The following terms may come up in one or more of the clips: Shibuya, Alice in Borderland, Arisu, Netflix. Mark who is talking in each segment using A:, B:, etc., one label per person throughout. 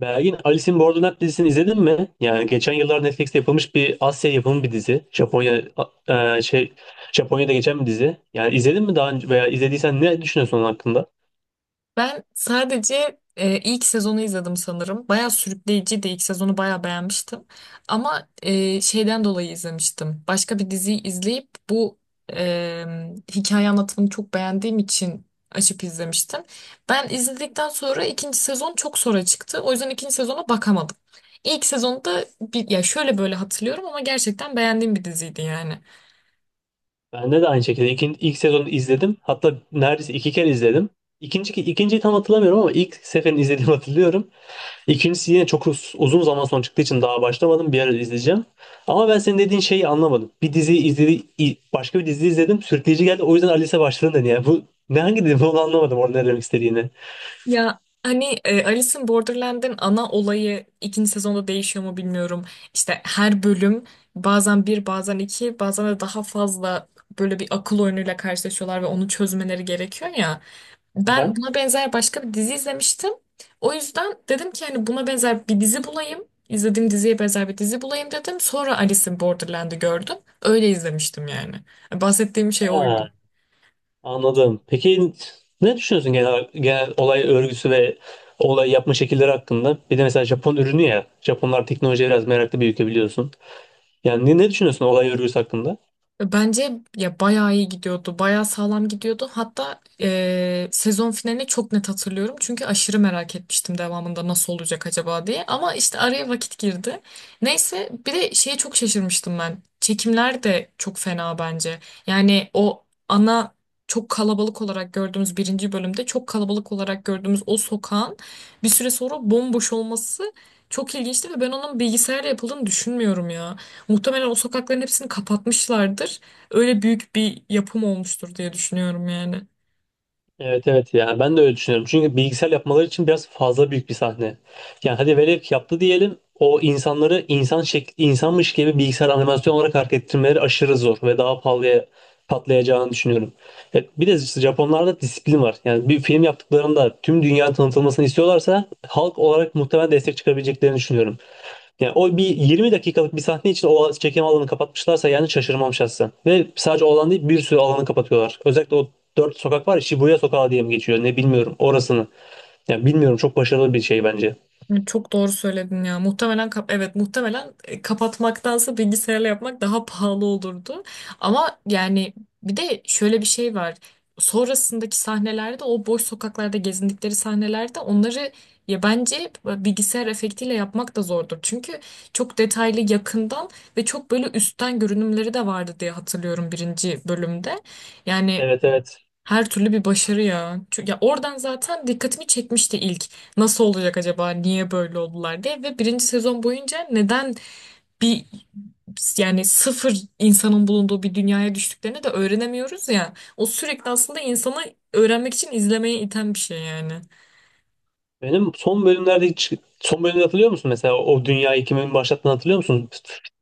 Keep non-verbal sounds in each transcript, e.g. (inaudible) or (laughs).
A: Belgin, Alice in Borderland dizisini izledin mi? Yani geçen yıllar Netflix'te yapılmış bir Asya yapımı bir dizi. Japonya a- e, şey Japonya'da geçen bir dizi. Yani izledin mi daha önce veya izlediysen ne düşünüyorsun onun hakkında?
B: Ben sadece ilk sezonu izledim sanırım. Bayağı sürükleyiciydi. İlk sezonu bayağı beğenmiştim. Ama şeyden dolayı izlemiştim. Başka bir diziyi izleyip bu e, hikaye anlatımını çok beğendiğim için açıp izlemiştim. Ben izledikten sonra ikinci sezon çok sonra çıktı. O yüzden ikinci sezona bakamadım. İlk sezonda bir, ya şöyle böyle hatırlıyorum ama gerçekten beğendiğim bir diziydi yani.
A: Ben de aynı şekilde ilk sezonu izledim. Hatta neredeyse iki kere izledim. İkinci, ikinciyi tam hatırlamıyorum ama ilk seferini izlediğimi hatırlıyorum. İkincisi yine çok uzun zaman sonra çıktığı için daha başlamadım. Bir ara izleyeceğim. Ama ben senin dediğin şeyi anlamadım. Bir dizi izledi, başka bir dizi izledim. Sürükleyici geldi. O yüzden Alice'e başladım dedi. Yani bu ne hangi dizi onu anlamadım orada ne demek istediğini.
B: Ya hani Alice in Borderland'in ana olayı ikinci sezonda değişiyor mu bilmiyorum. İşte her bölüm bazen bir bazen iki bazen de daha fazla böyle bir akıl oyunuyla karşılaşıyorlar ve onu çözmeleri gerekiyor ya. Ben
A: Aha.
B: buna benzer başka bir dizi izlemiştim. O yüzden dedim ki hani buna benzer bir dizi bulayım. İzlediğim diziye benzer bir dizi bulayım dedim. Sonra Alice in Borderland'i gördüm. Öyle izlemiştim yani. Bahsettiğim şey oydu.
A: Ha, anladım. Peki ne düşünüyorsun genel olay örgüsü ve olay yapma şekilleri hakkında? Bir de mesela Japon ürünü ya. Japonlar teknolojiye biraz meraklı bir ülke biliyorsun. Yani ne düşünüyorsun olay örgüsü hakkında?
B: Bence ya bayağı iyi gidiyordu. Bayağı sağlam gidiyordu. Hatta sezon finalini çok net hatırlıyorum. Çünkü aşırı merak etmiştim devamında nasıl olacak acaba diye. Ama işte araya vakit girdi. Neyse bir de şeye çok şaşırmıştım ben. Çekimler de çok fena bence. Yani o ana çok kalabalık olarak gördüğümüz birinci bölümde çok kalabalık olarak gördüğümüz o sokağın bir süre sonra bomboş olması çok ilginçti ve ben onun bilgisayarla yapıldığını düşünmüyorum ya. Muhtemelen o sokakların hepsini kapatmışlardır. Öyle büyük bir yapım olmuştur diye düşünüyorum yani.
A: Evet, evet, yani ben de öyle düşünüyorum. Çünkü bilgisayar yapmaları için biraz fazla büyük bir sahne. Yani hadi velev ki yaptı diyelim o insanları insan şekli, insanmış gibi bilgisayar animasyon olarak hareket ettirmeleri aşırı zor ve daha pahalıya patlayacağını düşünüyorum. Bir de işte Japonlarda disiplin var. Yani bir film yaptıklarında tüm dünyanın tanıtılmasını istiyorlarsa halk olarak muhtemelen destek çıkabileceklerini düşünüyorum. Yani o bir 20 dakikalık bir sahne için o çekim alanı kapatmışlarsa yani şaşırmam şahsen. Ve sadece o alan değil bir sürü alanı kapatıyorlar. Özellikle o dört sokak var ya Shibuya sokağı diye mi geçiyor ne bilmiyorum orasını. Yani bilmiyorum çok başarılı bir şey bence.
B: Evet, çok doğru söyledin ya. Muhtemelen kapatmaktansa bilgisayarla yapmak daha pahalı olurdu. Ama yani bir de şöyle bir şey var. Sonrasındaki sahnelerde o boş sokaklarda gezindikleri sahnelerde onları ya bence bilgisayar efektiyle yapmak da zordur. Çünkü çok detaylı yakından ve çok böyle üstten görünümleri de vardı diye hatırlıyorum birinci bölümde. Yani
A: Evet, evet.
B: her türlü bir başarı ya. Çünkü ya oradan zaten dikkatimi çekmişti ilk. Nasıl olacak acaba? Niye böyle oldular diye ve birinci sezon boyunca neden bir yani sıfır insanın bulunduğu bir dünyaya düştüklerini de öğrenemiyoruz ya. O sürekli aslında insanı öğrenmek için izlemeye iten bir şey yani.
A: Benim son bölümlerde hiç son bölümde hatırlıyor musun mesela o dünyayı kimin başlattığını hatırlıyor musun?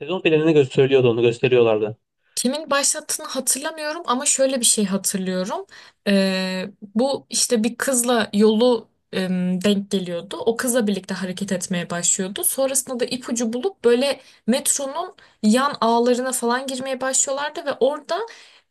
A: Sezon planını gösteriyordu onu gösteriyorlardı.
B: Kimin başlattığını hatırlamıyorum ama şöyle bir şey hatırlıyorum. Ee, bu işte bir kızla yolu denk geliyordu. O kızla birlikte hareket etmeye başlıyordu. Sonrasında da ipucu bulup böyle metronun yan ağlarına falan girmeye başlıyorlardı ve orada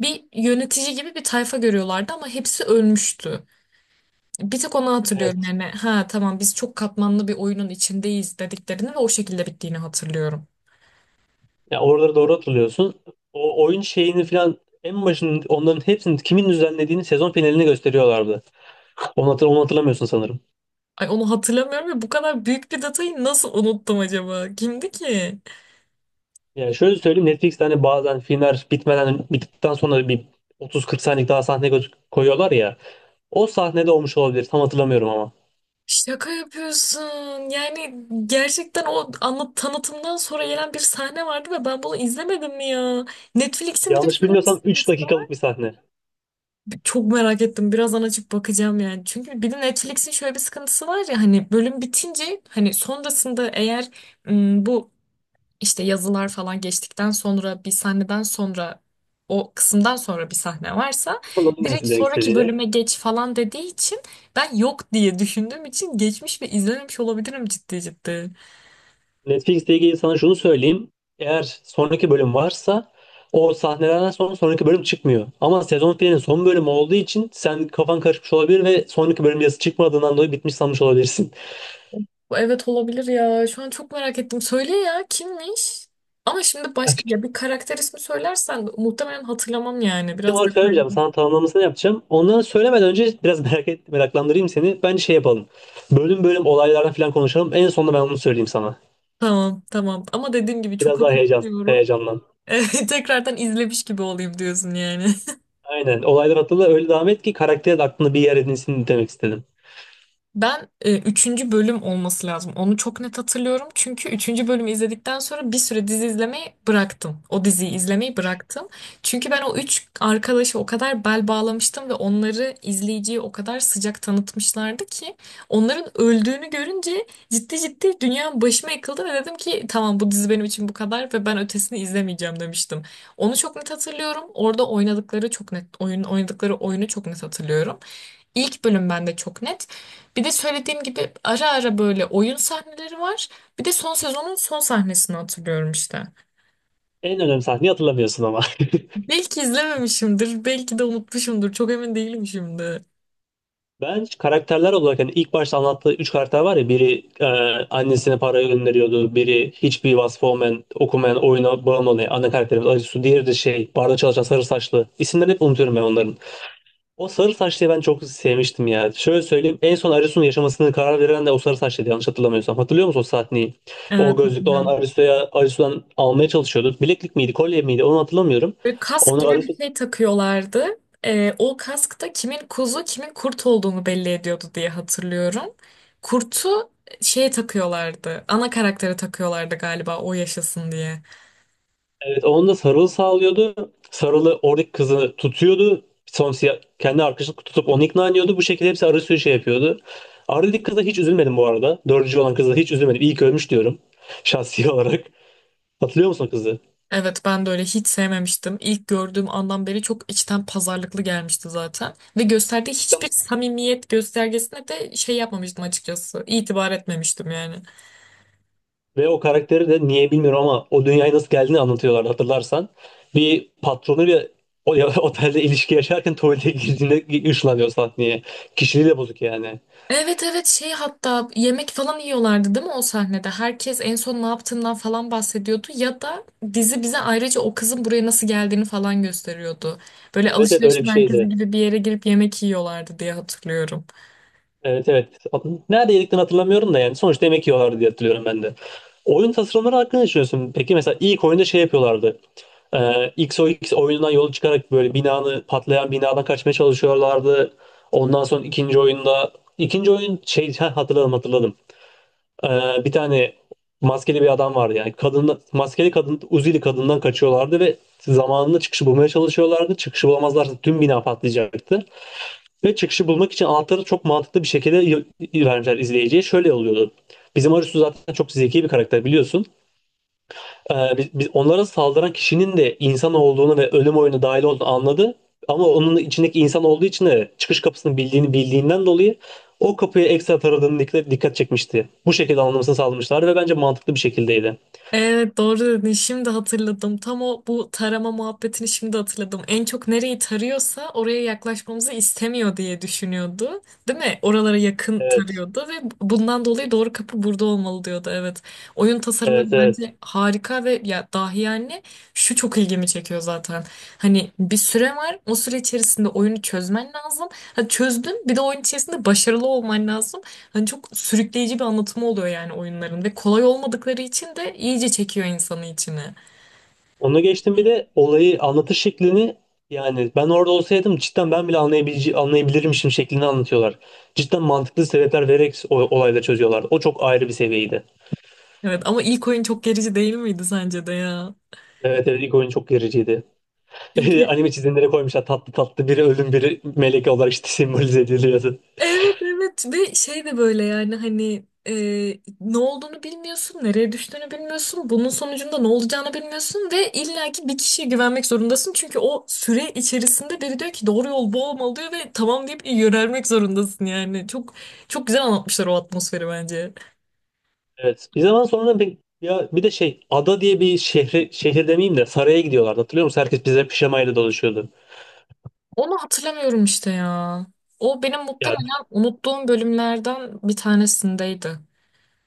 B: bir yönetici gibi bir tayfa görüyorlardı ama hepsi ölmüştü. Bir tek onu hatırlıyorum
A: Evet.
B: yani, ha tamam biz çok katmanlı bir oyunun içindeyiz dediklerini ve o şekilde bittiğini hatırlıyorum.
A: Ya oraları doğru hatırlıyorsun. O oyun şeyini falan en başının onların hepsini kimin düzenlediğini sezon finalini gösteriyorlardı. Onu hatırlamıyorsun sanırım.
B: Ay onu hatırlamıyorum ya, bu kadar büyük bir detayı nasıl unuttum acaba? Kimdi ki?
A: Yani şöyle söyleyeyim, Netflix'te hani bazen filmler bitmeden bittikten sonra bir 30-40 saniyelik daha sahne koyuyorlar ya. O sahnede olmuş olabilir. Tam hatırlamıyorum ama.
B: Şaka yapıyorsun. Yani gerçekten o anlat tanıtımdan sonra gelen bir sahne vardı ve ben bunu izlemedim mi ya? Netflix'in bir de
A: Yanlış
B: şöyle bir
A: bilmiyorsam 3
B: sıkıntısı var.
A: dakikalık bir sahne.
B: Çok merak ettim. Birazdan açıp bakacağım yani. Çünkü bir de Netflix'in şöyle bir sıkıntısı var ya, hani bölüm bitince hani sonrasında eğer bu işte yazılar falan geçtikten sonra bir sahneden sonra o kısımdan sonra bir sahne varsa
A: (laughs) Anladım ben
B: direkt
A: sizin demek
B: sonraki
A: istediğini.
B: bölüme geç falan dediği için ben yok diye düşündüğüm için geçmiş ve izlememiş olabilirim ciddi ciddi.
A: Netflix'te ilgili sana şunu söyleyeyim. Eğer sonraki bölüm varsa o sahnelerden sonra sonraki bölüm çıkmıyor. Ama sezon filminin son bölümü olduğu için sen kafan karışmış olabilir ve sonraki bölüm yazısı çıkmadığından dolayı bitmiş sanmış olabilirsin.
B: Bu, evet, olabilir ya. Şu an çok merak ettim. Söyle ya, kimmiş? Ama şimdi başka
A: (laughs)
B: ya bir karakter ismi söylersen muhtemelen hatırlamam yani.
A: Kendim
B: Biraz da
A: olarak söylemeyeceğim. Sana tamamlamasını yapacağım. Ondan söylemeden önce biraz (laughs) meraklandırayım seni. Bence şey yapalım. Bölüm bölüm olaylardan falan konuşalım. En sonunda ben onu söyleyeyim sana.
B: tamam tamam. Ama dediğim gibi çok
A: Biraz daha
B: hatırlamıyorum. (laughs)
A: heyecanlan.
B: Evet, tekrardan izlemiş gibi olayım diyorsun yani.
A: Aynen. Olaylar hatırla öyle devam et ki karakter de aklında bir yer edinsin demek istedim.
B: Ben üçüncü bölüm olması lazım. Onu çok net hatırlıyorum. Çünkü üçüncü bölümü izledikten sonra bir süre dizi izlemeyi bıraktım. O diziyi izlemeyi bıraktım. Çünkü ben o üç arkadaşı o kadar bel bağlamıştım ve onları izleyiciye o kadar sıcak tanıtmışlardı ki onların öldüğünü görünce ciddi ciddi dünyam başıma yıkıldı ve dedim ki tamam, bu dizi benim için bu kadar ve ben ötesini izlemeyeceğim demiştim. Onu çok net hatırlıyorum. Orada oynadıkları çok net oyun oynadıkları oyunu çok net hatırlıyorum. İlk bölüm bende çok net. Bir de söylediğim gibi ara ara böyle oyun sahneleri var. Bir de son sezonun son sahnesini hatırlıyorum işte.
A: En önemli sahneyi hatırlamıyorsun ama. (laughs)
B: Belki izlememişimdir, belki de unutmuşumdur. Çok emin değilim şimdi.
A: Ben karakterler olarak hani ilk başta anlattığı üç karakter var ya biri annesine para gönderiyordu, biri hiçbir vasfı olmayan, okumayan, oyuna bağımlı olan ana karakterimiz Arisu, diğeri de şey barda çalışan sarı saçlı. İsimlerini hep unutuyorum ben onların. O sarı saçlıyı ben çok sevmiştim ya. Şöyle söyleyeyim, en son Arisu'nun yaşamasını karar veren de o sarı saçlıydı yanlış hatırlamıyorsam. Hatırlıyor musun o sahneyi?
B: Evet,
A: O gözlüklü olan
B: hatırlıyorum.
A: Arisu'ya Arisu'dan almaya çalışıyordu. Bileklik miydi, kolye miydi onu hatırlamıyorum.
B: Böyle kask
A: Onu
B: gibi
A: Arisu
B: bir şey takıyorlardı. O kask da kimin kuzu, kimin kurt olduğunu belli ediyordu diye hatırlıyorum. Kurtu şeye takıyorlardı. Ana karaktere takıyorlardı galiba o yaşasın diye.
A: evet onun da Sarıl sağlıyordu. Sarıl'ı oradaki kızı tutuyordu. Son siyah, kendi arkadaşını tutup onu ikna ediyordu. Bu şekilde hepsi arı sürü şey yapıyordu. Arda'daki kıza hiç üzülmedim bu arada. Dördüncü olan kıza hiç üzülmedim. İyi ki ölmüş diyorum. (laughs) Şahsi olarak. Hatırlıyor musun o kızı?
B: Evet, ben de öyle hiç sevmemiştim. İlk gördüğüm andan beri çok içten pazarlıklı gelmişti zaten. Ve gösterdiği
A: İşte
B: hiçbir samimiyet göstergesine de şey yapmamıştım, açıkçası. İtibar etmemiştim yani.
A: ve o karakteri de niye bilmiyorum ama o dünyaya nasıl geldiğini anlatıyorlardı hatırlarsan. Bir patronuyla o (laughs) otelde ilişki yaşarken tuvalete girdiğinde ışınlanıyor sahneye. Kişiliği de bozuk yani.
B: Evet evet, şey, hatta yemek falan yiyorlardı değil mi o sahnede? Herkes en son ne yaptığından falan bahsediyordu. Ya da dizi bize ayrıca o kızın buraya nasıl geldiğini falan gösteriyordu. Böyle
A: Evet, evet öyle
B: alışveriş
A: bir
B: merkezi
A: şeydi.
B: gibi bir yere girip yemek yiyorlardı diye hatırlıyorum.
A: Evet, evet. Nerede yediklerini hatırlamıyorum da yani sonuçta yemek yiyorlardı diye hatırlıyorum ben de. Oyun tasarımları hakkında ne düşünüyorsun? Peki mesela ilk oyunda şey yapıyorlardı. XOX oyundan yola çıkarak böyle binanı patlayan binadan kaçmaya çalışıyorlardı. Ondan sonra ikinci oyunda ikinci oyun şey (laughs) ha, hatırladım, hatırladım. Ee, Bir tane maskeli bir adam vardı yani kadın maskeli kadın Uzili kadından kaçıyorlardı ve zamanında çıkışı bulmaya çalışıyorlardı. Çıkışı bulamazlarsa tüm bina patlayacaktı. Ve çıkışı bulmak için anahtarı çok mantıklı bir şekilde vermişler izleyiciye. Şöyle oluyordu. Bizim Arisu zaten çok zeki bir karakter biliyorsun. Biz onlara saldıran kişinin de insan olduğunu ve ölüm oyunu dahil olduğunu anladı. Ama onun içindeki insan olduğu için de çıkış kapısını bildiğini bildiğinden dolayı o kapıyı ekstra taradığını dikkat çekmişti. Bu şekilde anlamasını sağlamışlar ve bence mantıklı bir şekildeydi.
B: Evet, doğru dedin. Şimdi hatırladım. Tam o bu tarama muhabbetini şimdi hatırladım. En çok nereyi tarıyorsa oraya yaklaşmamızı istemiyor diye düşünüyordu. Değil mi? Oralara yakın
A: Evet.
B: tarıyordu ve bundan dolayı doğru kapı burada olmalı diyordu. Evet. Oyun tasarımları
A: Evet,
B: bence
A: evet.
B: harika ve ya dahi yani, şu çok ilgimi çekiyor zaten. Hani bir süre var. O süre içerisinde oyunu çözmen lazım. Ha, çözdün, bir de oyun içerisinde başarılı olman lazım. Hani çok sürükleyici bir anlatımı oluyor yani oyunların ve kolay olmadıkları için de iyice çekiyor insanı içine.
A: Onu geçtim bir de olayı anlatış şeklini yani ben orada olsaydım cidden ben bile anlayabilirmişim şeklini anlatıyorlar. Cidden mantıklı sebepler vererek o, olayları çözüyorlardı. O çok ayrı bir seviyeydi.
B: Evet ama ilk oyun çok gerici değil miydi sence de ya?
A: Evet, evet ilk oyun çok gericiydi. (laughs)
B: Çünkü
A: Anime çizimleri koymuşlar tatlı tatlı biri ölüm biri melek olarak işte (laughs) simbolize ediliyordu.
B: evet evet ve şey de böyle yani hani ne olduğunu bilmiyorsun, nereye düştüğünü bilmiyorsun, bunun sonucunda ne olacağını bilmiyorsun ve illaki bir kişiye güvenmek zorundasın. Çünkü o süre içerisinde biri diyor ki doğru yol bu olmalı diyor ve tamam deyip yönelmek zorundasın yani. Çok çok güzel anlatmışlar o atmosferi bence.
A: Evet bir zaman sonra bir, ya bir de şey ada diye bir şehre, şehir demeyeyim de saraya gidiyorlardı hatırlıyor musun? Herkes bize pijamayla dolaşıyordu.
B: Onu hatırlamıyorum işte ya. O benim
A: Ya
B: muhtemelen unuttuğum bölümlerden bir tanesindeydi.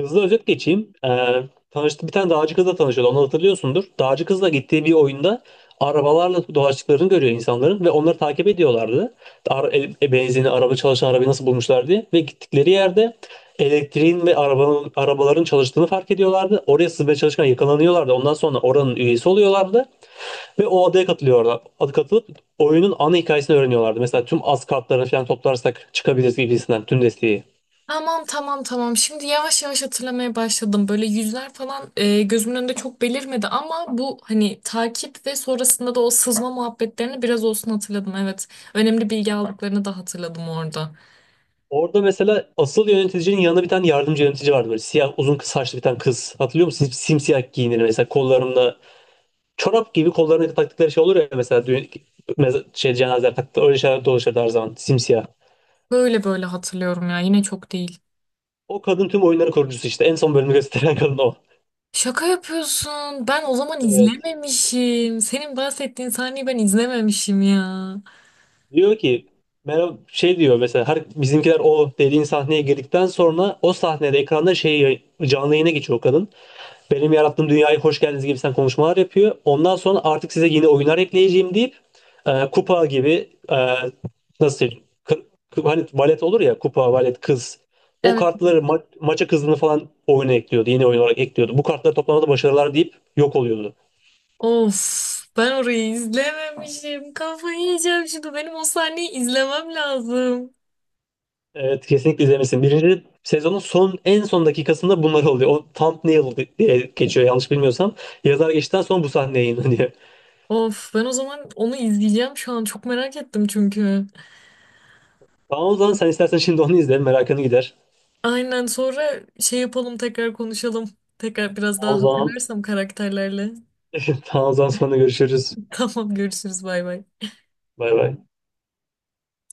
A: hızlı özet geçeyim. Tanıştı, bir tane dağcı kızla tanışıyordu. Onu hatırlıyorsundur. Dağcı kızla gittiği bir oyunda arabalarla dolaştıklarını görüyor insanların ve onları takip ediyorlardı. Benzini, araba çalışan arabayı nasıl bulmuşlar diye. Ve gittikleri yerde elektriğin ve arabanın, arabaların çalıştığını fark ediyorlardı. Oraya sızmaya çalışırken yakalanıyorlardı. Ondan sonra oranın üyesi oluyorlardı. Ve o adaya katılıyorlar. Adı katılıp oyunun ana hikayesini öğreniyorlardı. Mesela tüm az kartlarını falan toplarsak çıkabiliriz gibisinden tüm desteği.
B: Tamam tamam tamam. Şimdi yavaş yavaş hatırlamaya başladım. Böyle yüzler falan gözümün önünde çok belirmedi ama bu hani takip ve sonrasında da o sızma muhabbetlerini biraz olsun hatırladım. Evet. Önemli bilgi aldıklarını da hatırladım orada.
A: Orada mesela asıl yöneticinin yanında bir tane yardımcı yönetici vardı böyle siyah uzun kız saçlı bir tane kız. Hatırlıyor musun? Simsiyah giyinir mesela kollarında çorap gibi kollarına taktıkları şey olur ya mesela düğün, şey cenazeler taktı öyle şeyler dolaşırdı her zaman simsiyah.
B: Böyle böyle hatırlıyorum ya. Yine çok değil.
A: O kadın tüm oyunların kurucusu işte en son bölümü gösteren kadın o.
B: Şaka yapıyorsun. Ben o zaman
A: Evet.
B: izlememişim. Senin bahsettiğin sahneyi ben izlememişim ya.
A: Diyor ki merhaba şey diyor mesela her bizimkiler o dediğin sahneye girdikten sonra o sahnede ekranda şey canlı yayına geçiyor o kadın. Benim yarattığım dünyaya hoş geldiniz gibi sen konuşmalar yapıyor. Ondan sonra artık size yeni oyunlar ekleyeceğim deyip kupa gibi nasıl söyleyeyim? Hani valet olur ya kupa, valet, kız. O
B: Evet.
A: kartları maça kızını falan oyuna ekliyordu. Yeni oyun olarak ekliyordu. Bu kartları toplamada başarılar deyip yok oluyordu.
B: Of, ben orayı izlememişim. Kafayı yiyeceğim şimdi. Benim o sahneyi izlemem lazım.
A: Evet kesinlikle izlemesin. Birinci sezonun son en son dakikasında bunlar oluyor. O thumbnail diye geçiyor yanlış bilmiyorsam. Yazar geçtikten sonra bu sahne yayınlanıyor.
B: Of, ben o zaman onu izleyeceğim şu an. Çok merak ettim çünkü.
A: Tamam o zaman sen istersen şimdi onu izle. Merakını gider.
B: Aynen, sonra şey yapalım, tekrar konuşalım. Tekrar biraz
A: Tamam
B: daha
A: o zaman.
B: hatırlarsam karakterlerle.
A: (laughs) Tamam o zaman sonra görüşürüz.
B: (laughs) Tamam, görüşürüz, bay bay.
A: Bay bay.